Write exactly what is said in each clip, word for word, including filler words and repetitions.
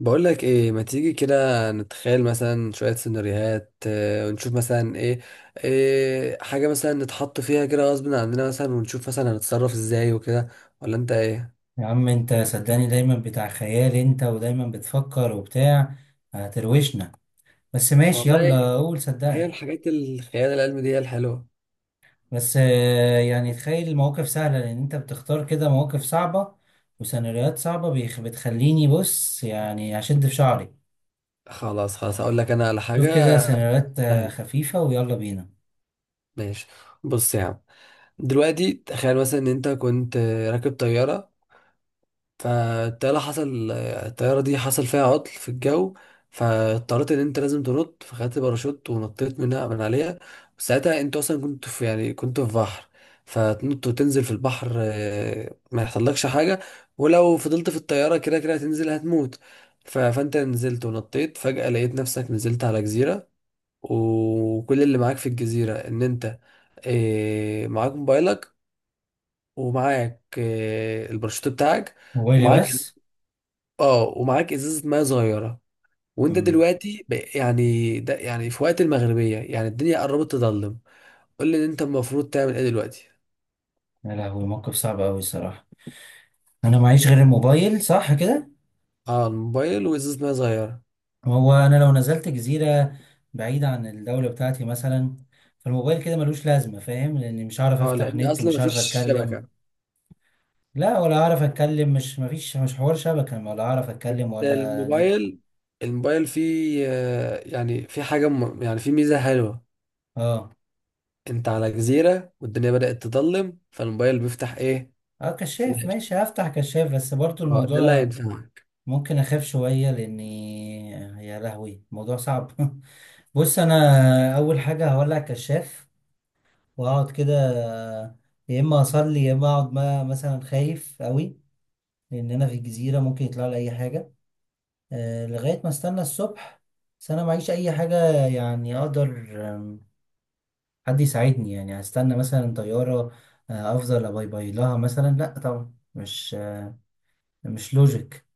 بقول لك ايه؟ ما تيجي كده، نتخيل مثلا شوية سيناريوهات، آه، ونشوف مثلا ايه. إيه حاجة مثلا نتحط فيها كده غصب عننا مثلا، ونشوف مثلا هنتصرف ازاي وكده. ولا انت ايه؟ يا عم انت صدقني دايما بتاع خيال انت ودايما بتفكر وبتاع هتروشنا. بس ماشي، والله، يلا قول هي صدقني. الحاجات الخيال العلمي دي هي الحلوة. بس آه، يعني تخيل المواقف سهلة لان انت بتختار كده مواقف صعبة وسيناريوهات صعبة بيخ- بتخليني، بص يعني هشد في شعري. خلاص خلاص، هقول لك انا على شوف كده حاجة سيناريوهات آه، سهلة. خفيفة ويلا بينا. ماشي. بص يا عم، دلوقتي تخيل مثلا ان انت كنت آه، راكب طيارة. فالطيارة حصل الطيارة دي حصل فيها عطل في الجو. فاضطريت ان انت لازم تنط، فخدت باراشوت ونطيت منها من عليها. ساعتها انت اصلا كنت في يعني كنت في بحر. فتنط وتنزل في البحر، آه، ما يحصلكش حاجة. ولو فضلت في الطيارة كده كده هتنزل هتموت. ف- فانت نزلت ونطيت، فجأة لقيت نفسك نزلت على جزيرة. وكل اللي معاك في الجزيرة ان انت آه، معاك موبايلك. ومعاك آه، الباراشوت بتاعك. موبايلي ومعاك بس. اه ومعاك ازازه ميه صغيره. وانت مم. دلوقتي ب- يعني ده يعني في وقت المغربيه، يعني الدنيا قربت تظلم. قول لي ان انت المفروض تعمل ايه دلوقتي. يا لهوي، موقف صعب اوي الصراحة. انا معيش غير الموبايل، صح كده؟ اه، الموبايل وازازه ميه صغيره. هو انا لو نزلت جزيره بعيده عن الدوله بتاعتي مثلا، فالموبايل كده ملوش لازمه، فاهم؟ لاني مش هعرف اه، افتح لان نت، اصلا مش هعرف مفيش اتكلم. شبكه. لا، ولا هعرف اتكلم، مش مفيش مش حوار شبكه، ولا هعرف بس. اتكلم ولا نت. الموبايل الموبايل فيه آه، يعني في حاجه، م- يعني في ميزه حلوه. اه. انت على جزيره والدنيا بدات تظلم، فالموبايل بيفتح ايه؟ اه، كشاف فلاش. ماشي، هفتح كشاف، بس برضو اه، ده اللي الموضوع هينفعك. ممكن اخاف شويه لاني، يا لهوي الموضوع صعب بص انا اول حاجه هولع الكشاف واقعد كده. يا اما اصلي يا اما اقعد ما- مثلا خايف قوي، لأننا في الجزيرة ممكن يطلع لي أي حاجة. آه، لغاية ما استنى الصبح، بس أنا معيش أي حاجة يعني أقدر. آم، حد يساعدني، يعني هستنى مثلا طيارة آه، أفضل أباي باي لها مثلا؟ لأ طبعا، مش آه، مش لوجيك.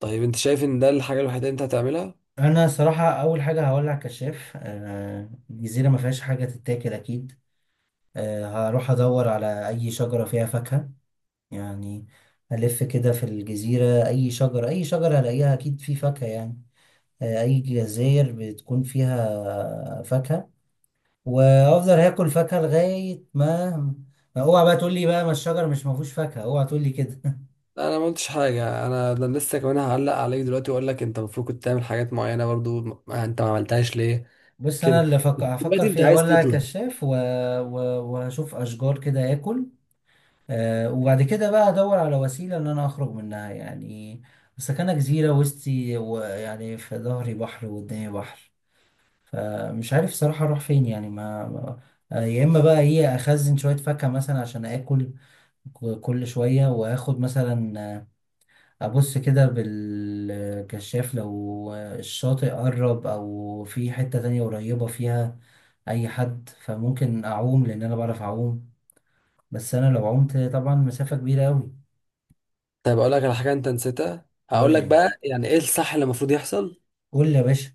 طيب، انت شايف ان ده الحاجه الوحيده اللي انت هتعملها؟ أنا صراحة أول حاجة هولع كشاف. آه، الجزيرة ما فيهاش حاجة تتاكل أكيد. آه، هروح أدور على أي شجرة فيها فاكهة، يعني ألف كده في الجزيرة، أي شجرة، أي شجرة هلاقيها أكيد في فاكهة يعني. آه، اي جزاير بتكون فيها فاكهة، وافضل هاكل فاكهة لغاية ما. ما اوعى بقى تقول لي بقى ما الشجر مش ما فيهوش فاكهة، اوعى تقول لي كده. لا، انا ما قلتش حاجه. انا ده لسه كمان هعلق عليك دلوقتي واقول لك انت المفروض كنت تعمل حاجات معينه برضو. ما انت ما عملتهاش ليه؟ بص انا كده. اللي فك... هفكر دلوقتي انت فيها، عايز ولا تطلع. كشاف و... و... وهشوف اشجار كده اكل. أه وبعد كده بقى ادور على وسيلة ان انا اخرج منها، يعني سكنة جزيرة وسطي، ويعني في ظهري بحر وقدامي بحر، فمش عارف صراحة اروح فين يعني ما ما- آه، يا اما بقى ايه، اخزن شوية فاكهة مثلا عشان اكل ك- كل شوية، وآخد مثلا آه، أبص كده بالكشاف، لو آه، الشاطئ قرب أو في حتة تانية قريبة فيها أي حد، فممكن أعوم لأن أنا بعرف أعوم، بس أنا لو عمت طبعا مسافة كبيرة أوي. طيب، اقول لك على حاجه انت نسيتها. هقول قول لك لي، بقى يعني ايه الصح اللي المفروض يحصل. قول لي يا باشا.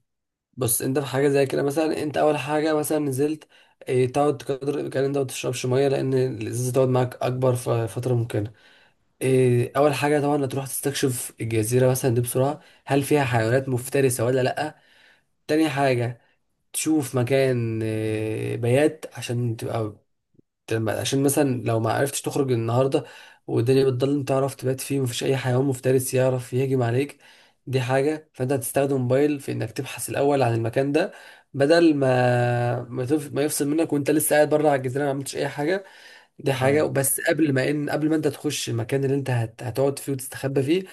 بص، انت في حاجه زي كده، مثلا انت اول حاجه مثلا نزلت، إيه، تقعد قدر الامكان. انت ما تشربش ميه لان الازازه تقعد معاك اكبر ف- فتره ممكنه. إيه، اول حاجه طبعا هتروح تستكشف الجزيره مثلا دي بسرعه، هل فيها حيوانات مفترسه ولا لا. تاني حاجه، تشوف مكان آه، بيات عشان تبقى، تم- عشان مثلا لو ما عرفتش تخرج النهارده والدنيا بتضلم تعرف تبات فيه ومفيش اي حيوان مفترس يعرف يهجم عليك. دي حاجة. فانت هتستخدم موبايل في انك تبحث الاول عن المكان ده، بدل ما ما, تف... ما يفصل منك وانت لسه قاعد بره على الجزيرة ما عملتش اي حاجة. دي حاجة. اه. بس قبل ما ان قبل ما انت تخش المكان اللي انت هت... هتقعد فيه وتستخبى فيه،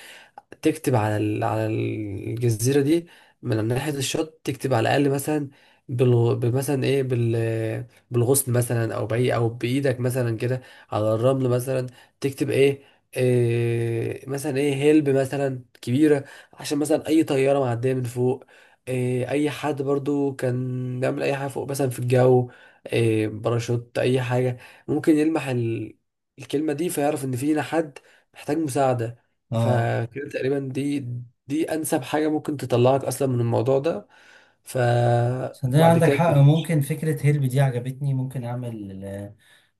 تكتب على ال- على الجزيرة دي، من ناحية الشط، تكتب على الأقل مثلا، بال مثلا إيه بال بالغصن مثلا أو بأي أو بإيدك مثلا كده، على الرمل مثلا، تكتب إيه, إيه مثلا إيه هيلب مثلا كبيرة. عشان مثلا أي طيارة معدية من فوق، إيه، أي حد برضو كان بيعمل أي حاجة فوق مثلا في الجو، إيه، باراشوت، أي حاجة، ممكن يلمح ال- الكلمة دي فيعرف إن فينا حد محتاج مساعدة. اه، فكده تقريبا، دي دي انسب حاجه ممكن تطلعك اصلا من الموضوع ده. ف، صدقني وبعد عندك كده، حق، ممكن فكرة هيلب دي عجبتني، ممكن أعمل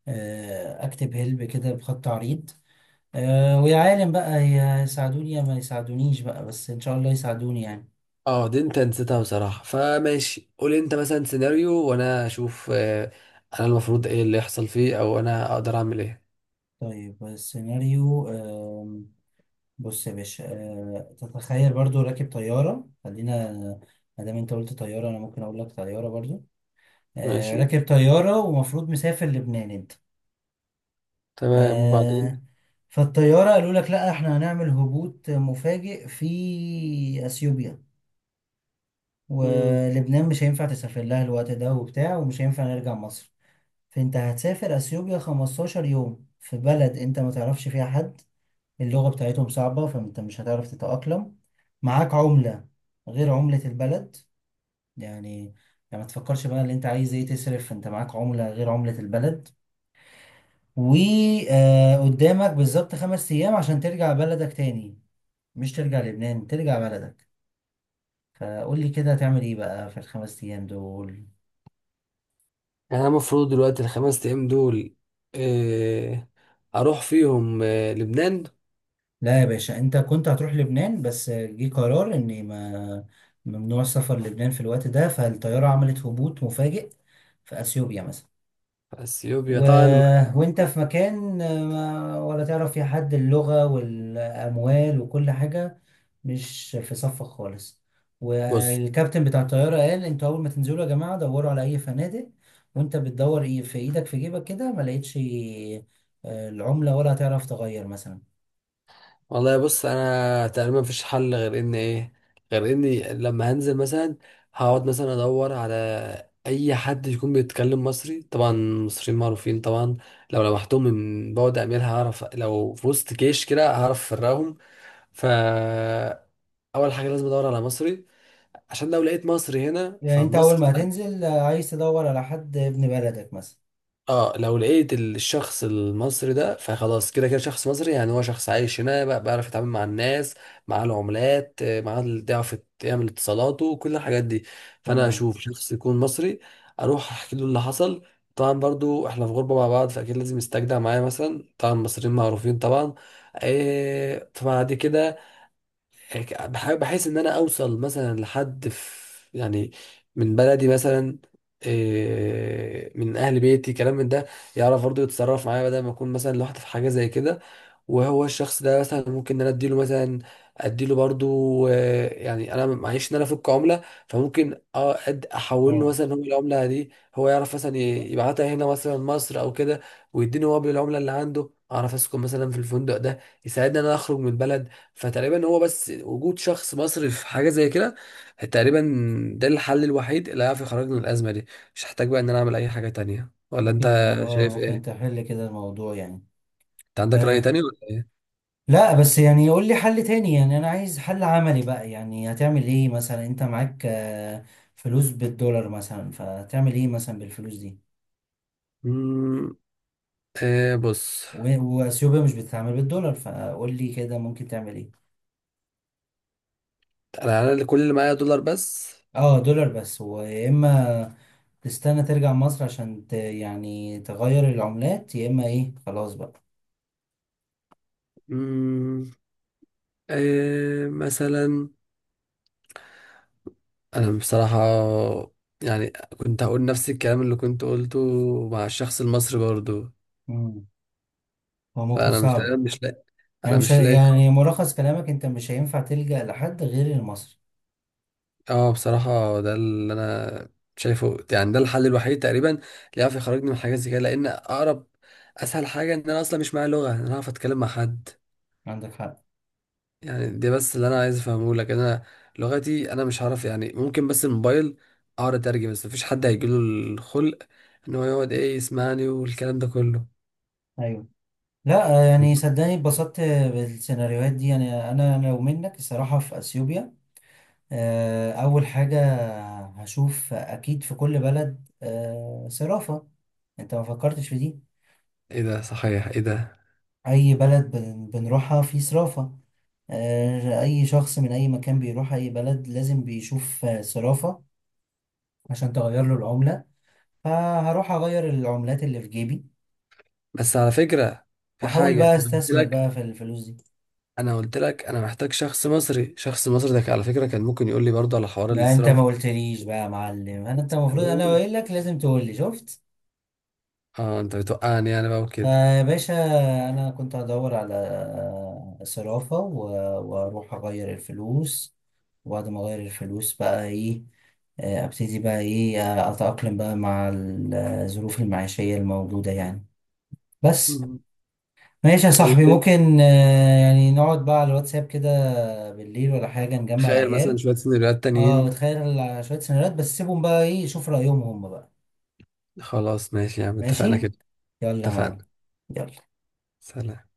آه، أكتب هيلب كده بخط عريض. آه، ويا عالم بقى، يساعدوني يا ما يساعدونيش بقى، بس إن شاء الله يساعدوني يعني. اه، دي انت نسيتها بصراحه. فماشي، قول انت مثلا سيناريو وانا اشوف. آه، انا المفروض ايه اللي يحصل فيه او انا اقدر اعمل ايه. طيب السيناريو آم، بص يا باشا، آه، تتخيل برضو راكب طيارة، خلينا ما دام انت قلت طيارة انا ممكن اقول لك طيارة برضو. آه، ماشي. راكب طيارة ومفروض مسافر لبنان انت. تمام وبعدين. آه، فالطيارة قالوا لك لا احنا هنعمل هبوط مفاجئ في اثيوبيا، امم ولبنان مش هينفع تسافر لها الوقت ده وبتاع، ومش هينفع نرجع مصر. فانت هتسافر اثيوبيا خمستاشر يوم في بلد انت ما تعرفش فيها حد، اللغة بتاعتهم صعبة فانت مش هتعرف تتأقلم. معاك عملة غير عملة البلد، يعني يعني ما تفكرش بقى اللي انت عايز ايه تصرف، انت معاك عملة غير عملة البلد، وقدامك بالظبط خمس ايام عشان ترجع بلدك تاني، مش ترجع لبنان، ترجع بلدك. فقول لي كده هتعمل ايه بقى في الخمس ايام دول؟ يعني انا المفروض دلوقتي الخمس ايام دول إيه، اروح فيهم آه، لبنان؟ لا يا باشا، انت كنت هتروح لبنان بس جه قرار ان ما، ممنوع السفر لبنان في الوقت ده، فالطيارة عملت هبوط مفاجئ في اثيوبيا مثلا. اثيوبيا و... طبعا. وانت في مكان ما، ولا تعرف فيه حد، اللغة والأموال وكل حاجة مش في صفك خالص. بص. والكابتن بتاع الطيارة قال انتوا أول ما تنزلوا يا جماعة دوروا على أي فنادق، وانت بتدور ايه في ايدك في جيبك كده ما لقيتش آه، العملة، ولا هتعرف تغير مثلا. والله، بص، انا تقريبا مفيش حل غير ان ايه، غير اني لما هنزل مثلا هقعد مثلا ادور على اي حد يكون بيتكلم مصري. طبعا المصريين معروفين طبعا. لو لمحتهم من بعد اميال هعرف، لو في وسط جيش كده هعرف افرقهم. فاول حاجه لازم ادور على مصري، عشان لو لقيت مصري هنا يعني انت أول فالمصري ما ده، هتنزل آه، عايز تدور على حد ابن بلدك مثلا. اه، لو لقيت الشخص المصري ده فخلاص كده كده شخص مصري. يعني هو شخص عايش هنا بقى- بيعرف يتعامل مع الناس مع العملات، آه، مع ال- بيعرف يعمل اتصالاته كل الحاجات دي. فانا تمام. اشوف شخص يكون مصري، اروح احكي له اللي حصل. طبعا برضو احنا في غربة مع بعض، فاكيد لازم يستجدع معايا مثلا. طبعا المصريين معروفين طبعا. آه، فبعد كده هيك- بح- بحيث ان انا اوصل مثلا لحد في، يعني من بلدي مثلا، إيه، من اهل بيتي كلام من ده، يعرف برضه يتصرف معايا بدل ما اكون مثلا لوحدي في حاجه زي كده. وهو الشخص ده مثلا ممكن ان انا اديله مثلا اديله برضه، آه، يعني انا معيش ان انا افك عمله. فممكن اه أد- احول له اه، مثلا، هو العمله دي هو يعرف مثلا ي- يبعتها هنا مثلا مصر او كده، ويديني هو بالعمله اللي عنده، اعرف اسكن مثلا في الفندق ده، يساعدني ان انا اخرج من البلد. فتقريبا هو بس وجود شخص مصري في حاجه زي كده، تقريبا، ده الحل الوحيد اللي هيعرف يخرجنا من الازمه دي. مش هحتاج بقى ان انا اعمل اي حاجه تانية. ولا انت ممكن، اه شايف ممكن ايه؟ تحل كده الموضوع يعني. انت عندك راي تاني آه، ولا؟ لا بس يعني يقول لي حل تاني، يعني انا عايز حل عملي بقى، يعني هتعمل ايه مثلا، انت معاك آه، فلوس بالدولار مثلا، فتعمل ايه مثلا بالفلوس دي؟ امم آه بص، و- واثيوبيا مش بتتعامل بالدولار، فقول لي كده ممكن تعمل ايه. انا انا اللي كل اللي معايا دولار بس. اه دولار بس، ويا اما تستنى ترجع مصر عشان ت يعني تغير العملات، يا اما ايه، خلاص بقى. امم آه مثلا، انا بصراحه يعني كنت هقول نفس الكلام اللي كنت قلته مع الشخص المصري برضو. مم. هو موقف فانا مش صعب، مش لاقي. يعني انا مش ه- مش لاقي. يعني ملخص كلامك انت مش هينفع تلجأ لحد غير المصري. اه بصراحة، ده اللي انا شايفه. يعني ده الحل الوحيد تقريبا اللي يعرف يخرجني من حاجات زي كده، لان اقرب اسهل حاجة ان انا اصلا مش معايا لغة ان انا اعرف اتكلم مع حد. عندك حق. يعني دي بس اللي انا عايز افهمه لك. انا لغتي انا مش هعرف. يعني ممكن بس الموبايل اقعد اترجم، بس مفيش حد هيجيله الخلق ان هو يقعد ايه يسمعني والكلام ده كله. ايوه. لا يعني صدقني اتبسطت بالسيناريوهات دي. يعني انا لو منك الصراحه في اثيوبيا آه، اول حاجه هشوف اكيد في كل بلد آه، صرافه، انت ما فكرتش في دي. ايه ده، صحيح، ايه ده، اي بلد بن- بنروحها في صرافه. آه، اي شخص من اي مكان بيروح اي بلد لازم بيشوف آه، صرافه عشان تغير له العمله. فهروح اغير العملات اللي في جيبي، بس على فكرة في واحاول حاجة بقى انا قلت استثمر لك. بقى في الفلوس دي. انا قلت لك انا محتاج شخص مصري. شخص مصري ده على فكرة كان ممكن يقول لي برضه على حوار ما انت الاستيراد. ما قلتليش بقى يا معلم، انا انت المفروض انا قايل لك لازم تقول لي شفت. اه، انت بتوقعني انا بقى وكده. آه يا باشا، انا كنت هدور على آه، صرافة و- واروح اغير الفلوس، وبعد ما اغير الفلوس بقى ايه آه، ابتدي بقى ايه آه، اتأقلم بقى مع ال- الظروف المعيشية الموجودة يعني. بس. مم. ماشي يا صاحبي، والله، ممكن آه، يعني نقعد بقى على الواتساب كده بالليل ولا حاجة، نجمع تخيل مثلا العيال. شوية سيناريوهات اه تانيين. وتخيل شوية سيناريوهات، بس سيبهم بقى ايه شوف رأيهم هم بقى. خلاص ماشي يا عم، اتفقنا ماشي كده. يلا يا معلم. اتفقنا. يلا. سلام.